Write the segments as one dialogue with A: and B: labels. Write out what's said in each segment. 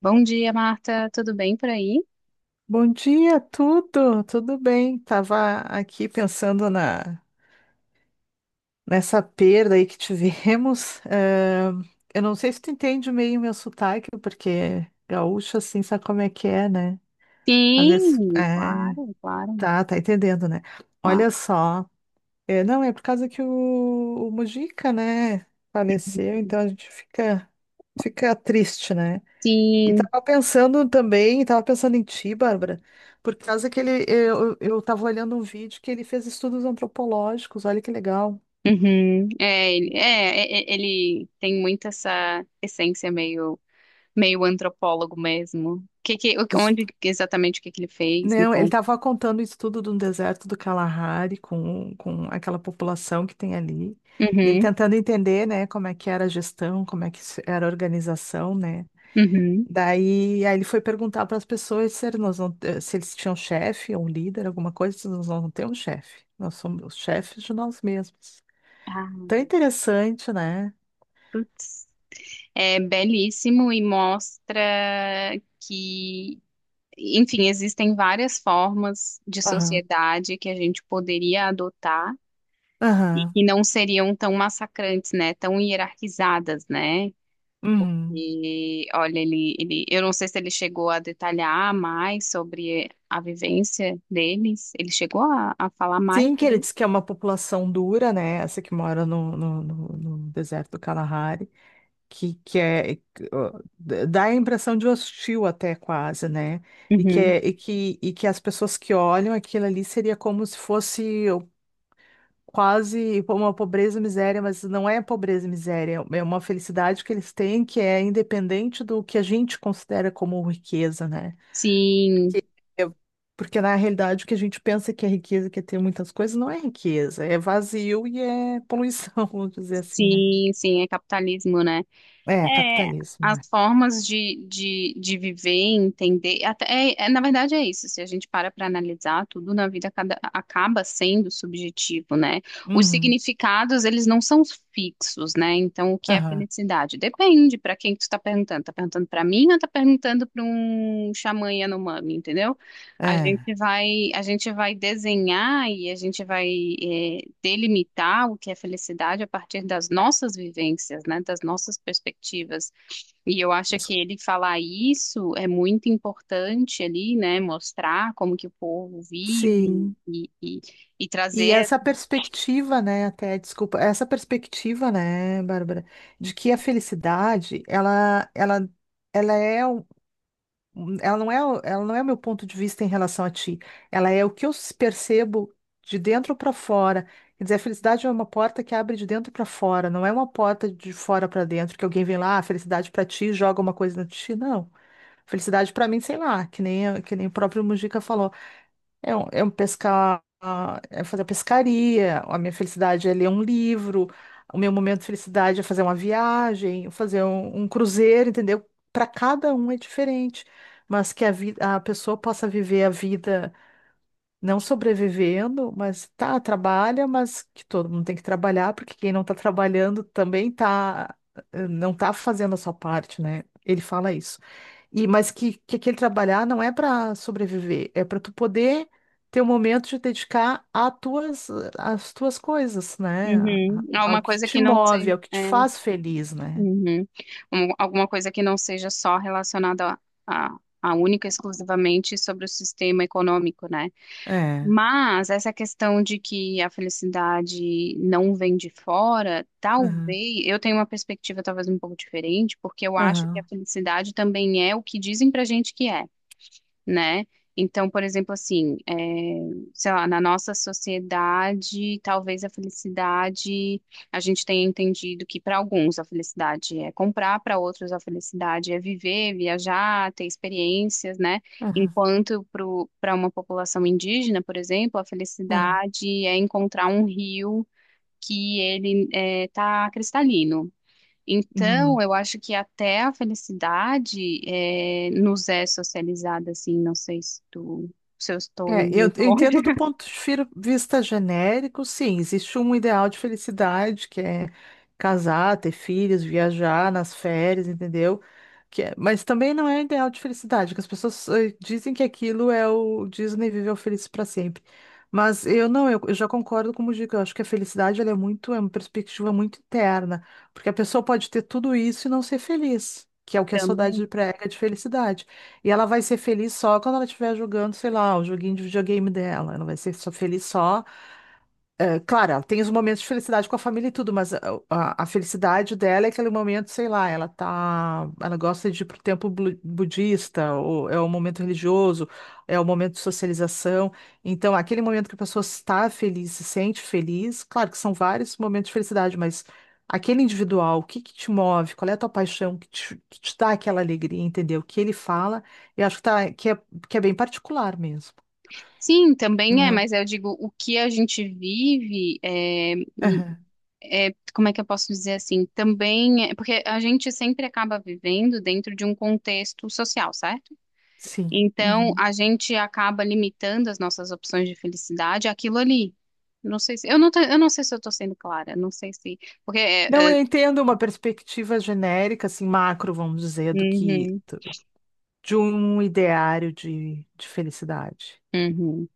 A: Bom dia, Marta. Tudo bem por aí?
B: Bom dia, tudo bem. Tava aqui pensando na nessa perda aí que tivemos. Eu não sei se tu entende meio o meu sotaque, porque gaúcho assim sabe como é que é, né? Às vezes,
A: Sim,
B: é,
A: claro, claro,
B: tá entendendo, né? Olha
A: claro.
B: só, não é por causa que o Mujica, né, faleceu, então a gente fica triste, né? E
A: Sim.
B: tava pensando também, tava pensando em ti, Bárbara, por causa que ele, eu tava olhando um vídeo que ele fez estudos antropológicos, olha que legal.
A: Uhum. É, ele, ele tem muito essa essência meio, meio antropólogo mesmo.
B: Diz-
A: Onde exatamente o que ele fez? Me
B: Não, ele
A: conta.
B: tava contando o estudo do deserto do Kalahari com aquela população que tem ali, e ele
A: Uhum,
B: tentando entender, né, como é que era a gestão, como é que era a organização, né.
A: uhum.
B: Aí ele foi perguntar para as pessoas se eles, nós não, se eles tinham chefe ou um líder, alguma coisa, se nós não temos chefe, nós somos os chefes de nós mesmos.
A: Ah,
B: Tão interessante, né?
A: putz. É belíssimo e mostra que, enfim, existem várias formas de
B: Aham.
A: sociedade que a gente poderia adotar e
B: Aham.
A: que não seriam tão massacrantes, né? Tão hierarquizadas, né?
B: Uhum.
A: E olha, eu não sei se ele chegou a detalhar mais sobre a vivência deles. Ele chegou a falar mais
B: Sim, que ele
A: sobre isso?
B: diz que é uma população dura, né? Essa que mora no deserto do Kalahari, que, que é. que, ó, dá a impressão de hostil até quase, né? E que,
A: Uhum.
B: é, e que as pessoas que olham aquilo ali seria como se fosse quase uma pobreza e miséria, mas não é pobreza e miséria, é uma felicidade que eles têm que é independente do que a gente considera como riqueza, né?
A: Sim,
B: Eu- Porque na realidade o que a gente pensa que é riqueza, que é ter muitas coisas, não é riqueza, é vazio e é poluição, vamos dizer assim, né?
A: sim, sim, é capitalismo, né?
B: É,
A: É,
B: capitalismo,
A: as
B: né?
A: formas de viver, entender, até, na verdade é isso, se a gente para analisar, tudo na vida cada- acaba sendo subjetivo, né? Os
B: Uhum.
A: significados, eles não são fixos, né? Então, o que é
B: Aham.
A: felicidade? Depende para quem que tu tá perguntando. Tá perguntando para mim ou tá perguntando para um xamã Yanomami, entendeu?
B: É.
A: A gente vai desenhar e a gente vai, delimitar o que é felicidade a partir das nossas vivências, né, das nossas perspectivas. E eu acho
B: Mas-
A: que ele falar isso é muito importante ali, né, mostrar como que o povo vive
B: Sim.
A: e
B: E
A: trazer
B: essa perspectiva, né, até, desculpa, essa perspectiva, né, Bárbara, de que a felicidade, ela é, um- Ela não é, ela não é o meu ponto de vista em relação a ti. Ela é o que eu percebo de dentro para fora. Quer dizer, a felicidade é uma porta que abre de dentro para fora, não é uma porta de fora para dentro, que alguém vem lá, ah, felicidade para ti, joga uma coisa na ti. Não. Felicidade para mim, sei lá, que nem o próprio Mujica falou. É um pescar, é fazer pescaria, a minha felicidade é ler um livro, o meu momento de felicidade é fazer uma viagem, fazer um cruzeiro, entendeu? Para cada um é diferente, mas que a vida, a pessoa possa viver a vida não sobrevivendo, mas tá, trabalha, mas que todo mundo tem que trabalhar, porque quem não tá trabalhando também tá, não tá fazendo a sua parte, né? Ele fala isso. E mas que aquele trabalhar não é para sobreviver, é para tu poder ter um momento de dedicar a tuas, às tuas coisas, né?
A: uhum,
B: Ao
A: alguma
B: que
A: coisa
B: te
A: que não
B: move,
A: seja,
B: ao que
A: é,
B: te faz feliz, né?
A: uhum, alguma coisa que não seja só relacionada a, a única e exclusivamente sobre o sistema econômico, né?
B: É.
A: Mas essa questão de que a felicidade não vem de fora,
B: Aham,
A: talvez eu tenho uma perspectiva talvez um pouco diferente, porque eu acho que a
B: aham,
A: felicidade também é o que dizem pra gente que é, né? Então, por exemplo, assim, é, sei lá, na nossa sociedade, talvez a felicidade, a gente tenha entendido que para alguns a felicidade é comprar, para outros a felicidade é viver, viajar, ter experiências, né?
B: aham,
A: Enquanto para uma população indígena, por exemplo, a
B: aham.
A: felicidade é encontrar um rio que ele está cristalino. Então,
B: Uhum.
A: eu acho que até a felicidade nos é socializada, assim, não sei se tu, se eu estou
B: É,
A: indo
B: eu
A: muito
B: eu
A: longe
B: entendo do ponto de vista genérico, sim, existe um ideal de felicidade, que é casar, ter filhos, viajar nas férias, entendeu? Mas também não é ideal de felicidade, que as pessoas dizem que aquilo é o Disney viveu feliz para sempre. Mas eu não, eu já concordo com o Mujica, eu acho que a felicidade ela é muito, é uma perspectiva muito interna, porque a pessoa pode ter tudo isso e não ser feliz, que é o que a saudade
A: também.
B: prega de felicidade. E ela vai ser feliz só quando ela estiver jogando, sei lá, o joguinho de videogame dela. Ela vai ser só feliz só. É, claro, ela tem os momentos de felicidade com a família e tudo, mas a felicidade dela é aquele momento, sei lá, ela tá, ela gosta de ir pro templo budista, ou é o momento religioso, é o momento de socialização. Então, aquele momento que a pessoa está feliz, se sente feliz, claro que são vários momentos de felicidade, mas aquele individual, o que que te move, qual é a tua paixão que te dá aquela alegria, entendeu? O que ele fala, eu acho que que é bem particular mesmo,
A: Sim, também é,
B: né?
A: mas eu digo, o que a gente vive, n-
B: Aham,
A: como é que eu posso dizer assim? Também é, porque a gente sempre acaba vivendo dentro de um contexto social, certo?
B: Sim.
A: Então,
B: Uhum.
A: a gente acaba limitando as nossas opções de felicidade àquilo ali. Não sei se, eu não, tô- eu não sei se eu estou sendo clara, não sei se porque
B: Não,
A: é,
B: eu entendo uma perspectiva genérica, assim, macro, vamos dizer,
A: uhum,
B: de um ideário de felicidade.
A: uhum.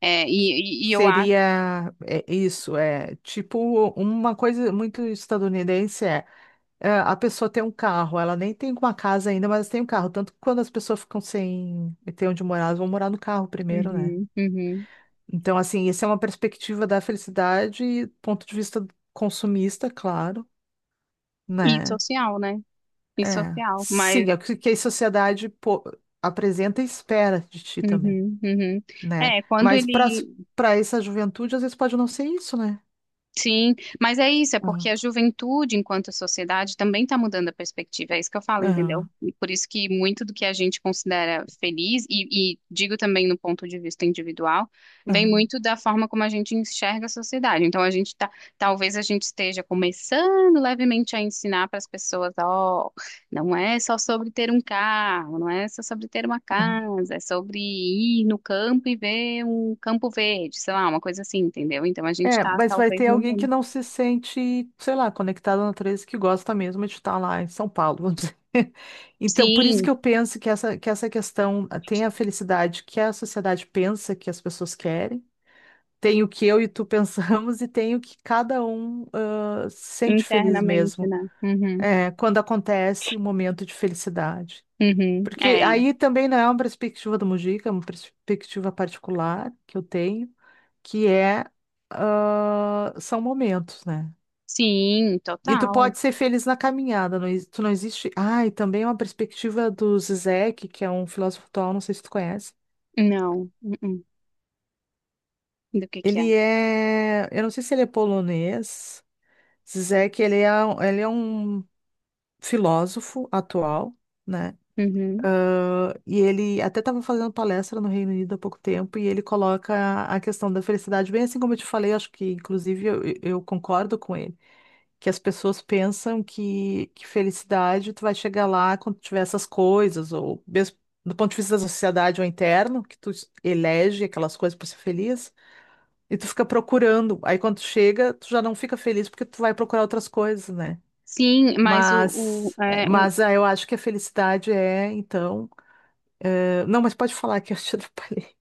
A: E eu acho.
B: Seria é, isso, é tipo uma coisa muito estadunidense a pessoa tem um carro, ela nem tem uma casa ainda, mas tem um carro. Tanto que quando as pessoas ficam sem ter onde morar, elas vão morar no carro primeiro, né?
A: Uhum, uhum.
B: Então, assim, essa é uma perspectiva da felicidade, ponto de vista consumista, claro,
A: E
B: né?
A: social, né? E
B: É,
A: social. Mas,
B: sim, é o que que a sociedade apresenta e espera de ti também,
A: uhum, uhum,
B: né?
A: é, quando
B: Mas para
A: ele.
B: para essa juventude, às vezes pode não ser isso, né?
A: Sim, mas é isso, é porque
B: Hum,
A: a juventude, enquanto sociedade, também está mudando a perspectiva. É isso que eu falo, entendeu?
B: aham,
A: E por isso que muito do que a gente considera feliz, e digo também no ponto de vista individual, vem
B: aham,
A: muito da forma como a gente enxerga a sociedade. Então, a gente tá, talvez a gente esteja começando levemente a ensinar para as pessoas, ó. Não é só sobre ter um carro, não é só sobre ter uma
B: aham.
A: casa, é sobre ir no campo e ver um campo verde, sei lá, uma coisa assim, entendeu? Então a gente
B: É,
A: está
B: mas vai
A: talvez
B: ter alguém que
A: mudando.
B: não se sente, sei lá, conectado na natureza, que gosta mesmo de estar lá em São Paulo, vamos dizer. Então, por isso que
A: Sim,
B: eu penso que que essa questão ah, tem a felicidade que a sociedade pensa que as pessoas querem, tem o que eu e tu pensamos, e tem o que cada um ah, se sente feliz
A: internamente,
B: mesmo.
A: né? Uhum,
B: É, quando acontece um momento de felicidade.
A: uhum,
B: Porque
A: é,
B: aí também não é uma perspectiva do Mujica, é uma perspectiva particular que eu tenho, que é, ah, são momentos, né?
A: sim,
B: E tu
A: total.
B: pode ser feliz na caminhada, não, tu não existe. Ah, e também é uma perspectiva do Zizek, que é um filósofo atual, não sei se tu conhece.
A: Não, uh-uh. Do que é?
B: Ele é, eu não sei se ele é polonês. Zizek, ele é um filósofo atual, né?
A: Uhum.
B: E ele até estava fazendo palestra no Reino Unido há pouco tempo e ele coloca a questão da felicidade, bem assim como eu te falei, eu acho que inclusive eu concordo com ele, que as pessoas pensam que felicidade tu vai chegar lá quando tiver essas coisas, ou mesmo do ponto de vista da sociedade ou interno, que tu elege aquelas coisas para ser feliz, e tu fica procurando. Aí quando tu chega, tu já não fica feliz porque tu vai procurar outras coisas, né?
A: Sim, mas
B: Mas, é,
A: o...
B: mas ah, eu acho que a felicidade é, então. Ah, não, mas pode falar que eu te atrapalhei.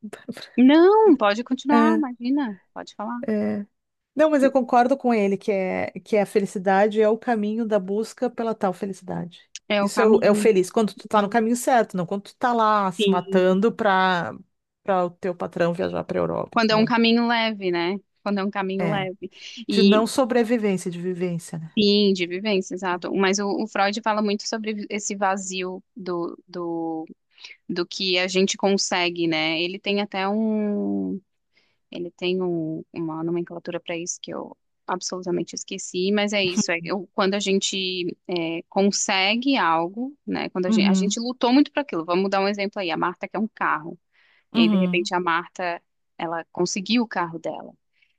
A: Não, pode continuar,
B: É,
A: imagina, pode falar.
B: é. Não, mas eu concordo com ele que é a felicidade é o caminho da busca pela tal felicidade.
A: É o
B: Isso é é o
A: caminho.
B: feliz, quando tu tá no
A: Uhum.
B: caminho certo, não quando tu tá lá se
A: Sim.
B: matando pra, pra o teu patrão viajar pra Europa,
A: Quando é um
B: entendeu?
A: caminho leve, né? Quando é um caminho
B: É.
A: leve.
B: De
A: E
B: não sobrevivência, de vivência, né?
A: sim, de vivência, exato. Mas o Freud fala muito sobre esse vazio do que a gente consegue, né? Ele tem até um. Ele tem uma nomenclatura para isso que eu absolutamente esqueci, mas é isso. É, quando consegue algo, né? Quando a
B: Uhum,
A: gente lutou muito para aquilo. Vamos dar um exemplo aí. A Marta quer um carro. E aí, de
B: uhum,
A: repente, a Marta. Ela conseguiu o carro dela.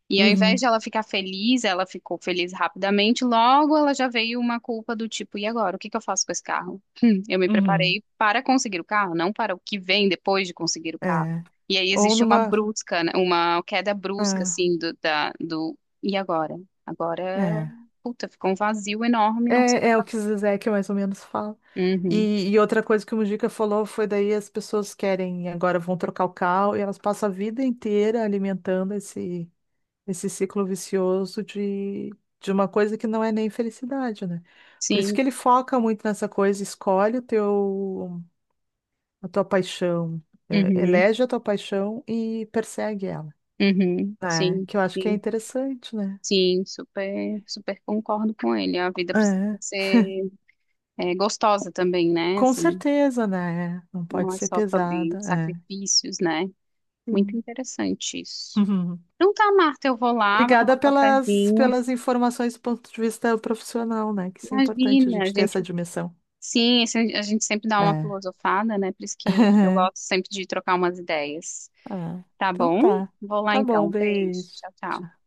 A: E ao invés
B: uhum,
A: de ela ficar feliz, ela ficou feliz rapidamente, logo ela já veio uma culpa do tipo, e agora, o que eu faço com esse carro? Eu me
B: uhum.
A: preparei para conseguir o carro, não para o que vem depois de conseguir o carro.
B: É.
A: E aí
B: Ou
A: existe uma
B: numa.
A: brusca, né, uma queda brusca,
B: É.
A: assim, e agora? Agora,
B: é.
A: puta, ficou um vazio enorme, não sei o que
B: É, é o que
A: fazer.
B: o Zizek mais ou menos fala.
A: Uhum,
B: E outra coisa que o Mujica falou foi daí as pessoas querem, agora vão trocar o cal e elas passam a vida inteira alimentando esse, esse ciclo vicioso de uma coisa que não é nem felicidade, né? Por isso
A: sim,
B: que ele foca muito nessa coisa, escolhe o teu, a tua paixão, é,
A: uhum,
B: elege a tua paixão e persegue ela,
A: uhum,
B: né?
A: sim,
B: Que eu acho que é
A: sim,
B: interessante, né?
A: sim, super, super concordo com ele. A vida precisa
B: É,
A: ser é, gostosa também, né?
B: com
A: Assim,
B: certeza, né? Não
A: não
B: pode
A: é
B: ser
A: só sobre
B: pesada, é.
A: sacrifícios, né? Muito
B: Sim.
A: interessante isso.
B: Uhum.
A: Então tá, Marta, eu vou lá, vou
B: Obrigada
A: tomar um
B: pelas,
A: cafezinho.
B: pelas informações do ponto de vista profissional, né? Que isso é importante a
A: Imagina,
B: gente ter essa dimensão.
A: sim, a gente sempre dá uma
B: É.
A: filosofada, né? Por isso que eu gosto sempre de trocar umas ideias.
B: Ah,
A: Tá
B: então
A: bom?
B: tá.
A: Vou lá
B: Tá bom,
A: então. Beijo.
B: beijo.
A: Tchau, tchau.
B: Tchau.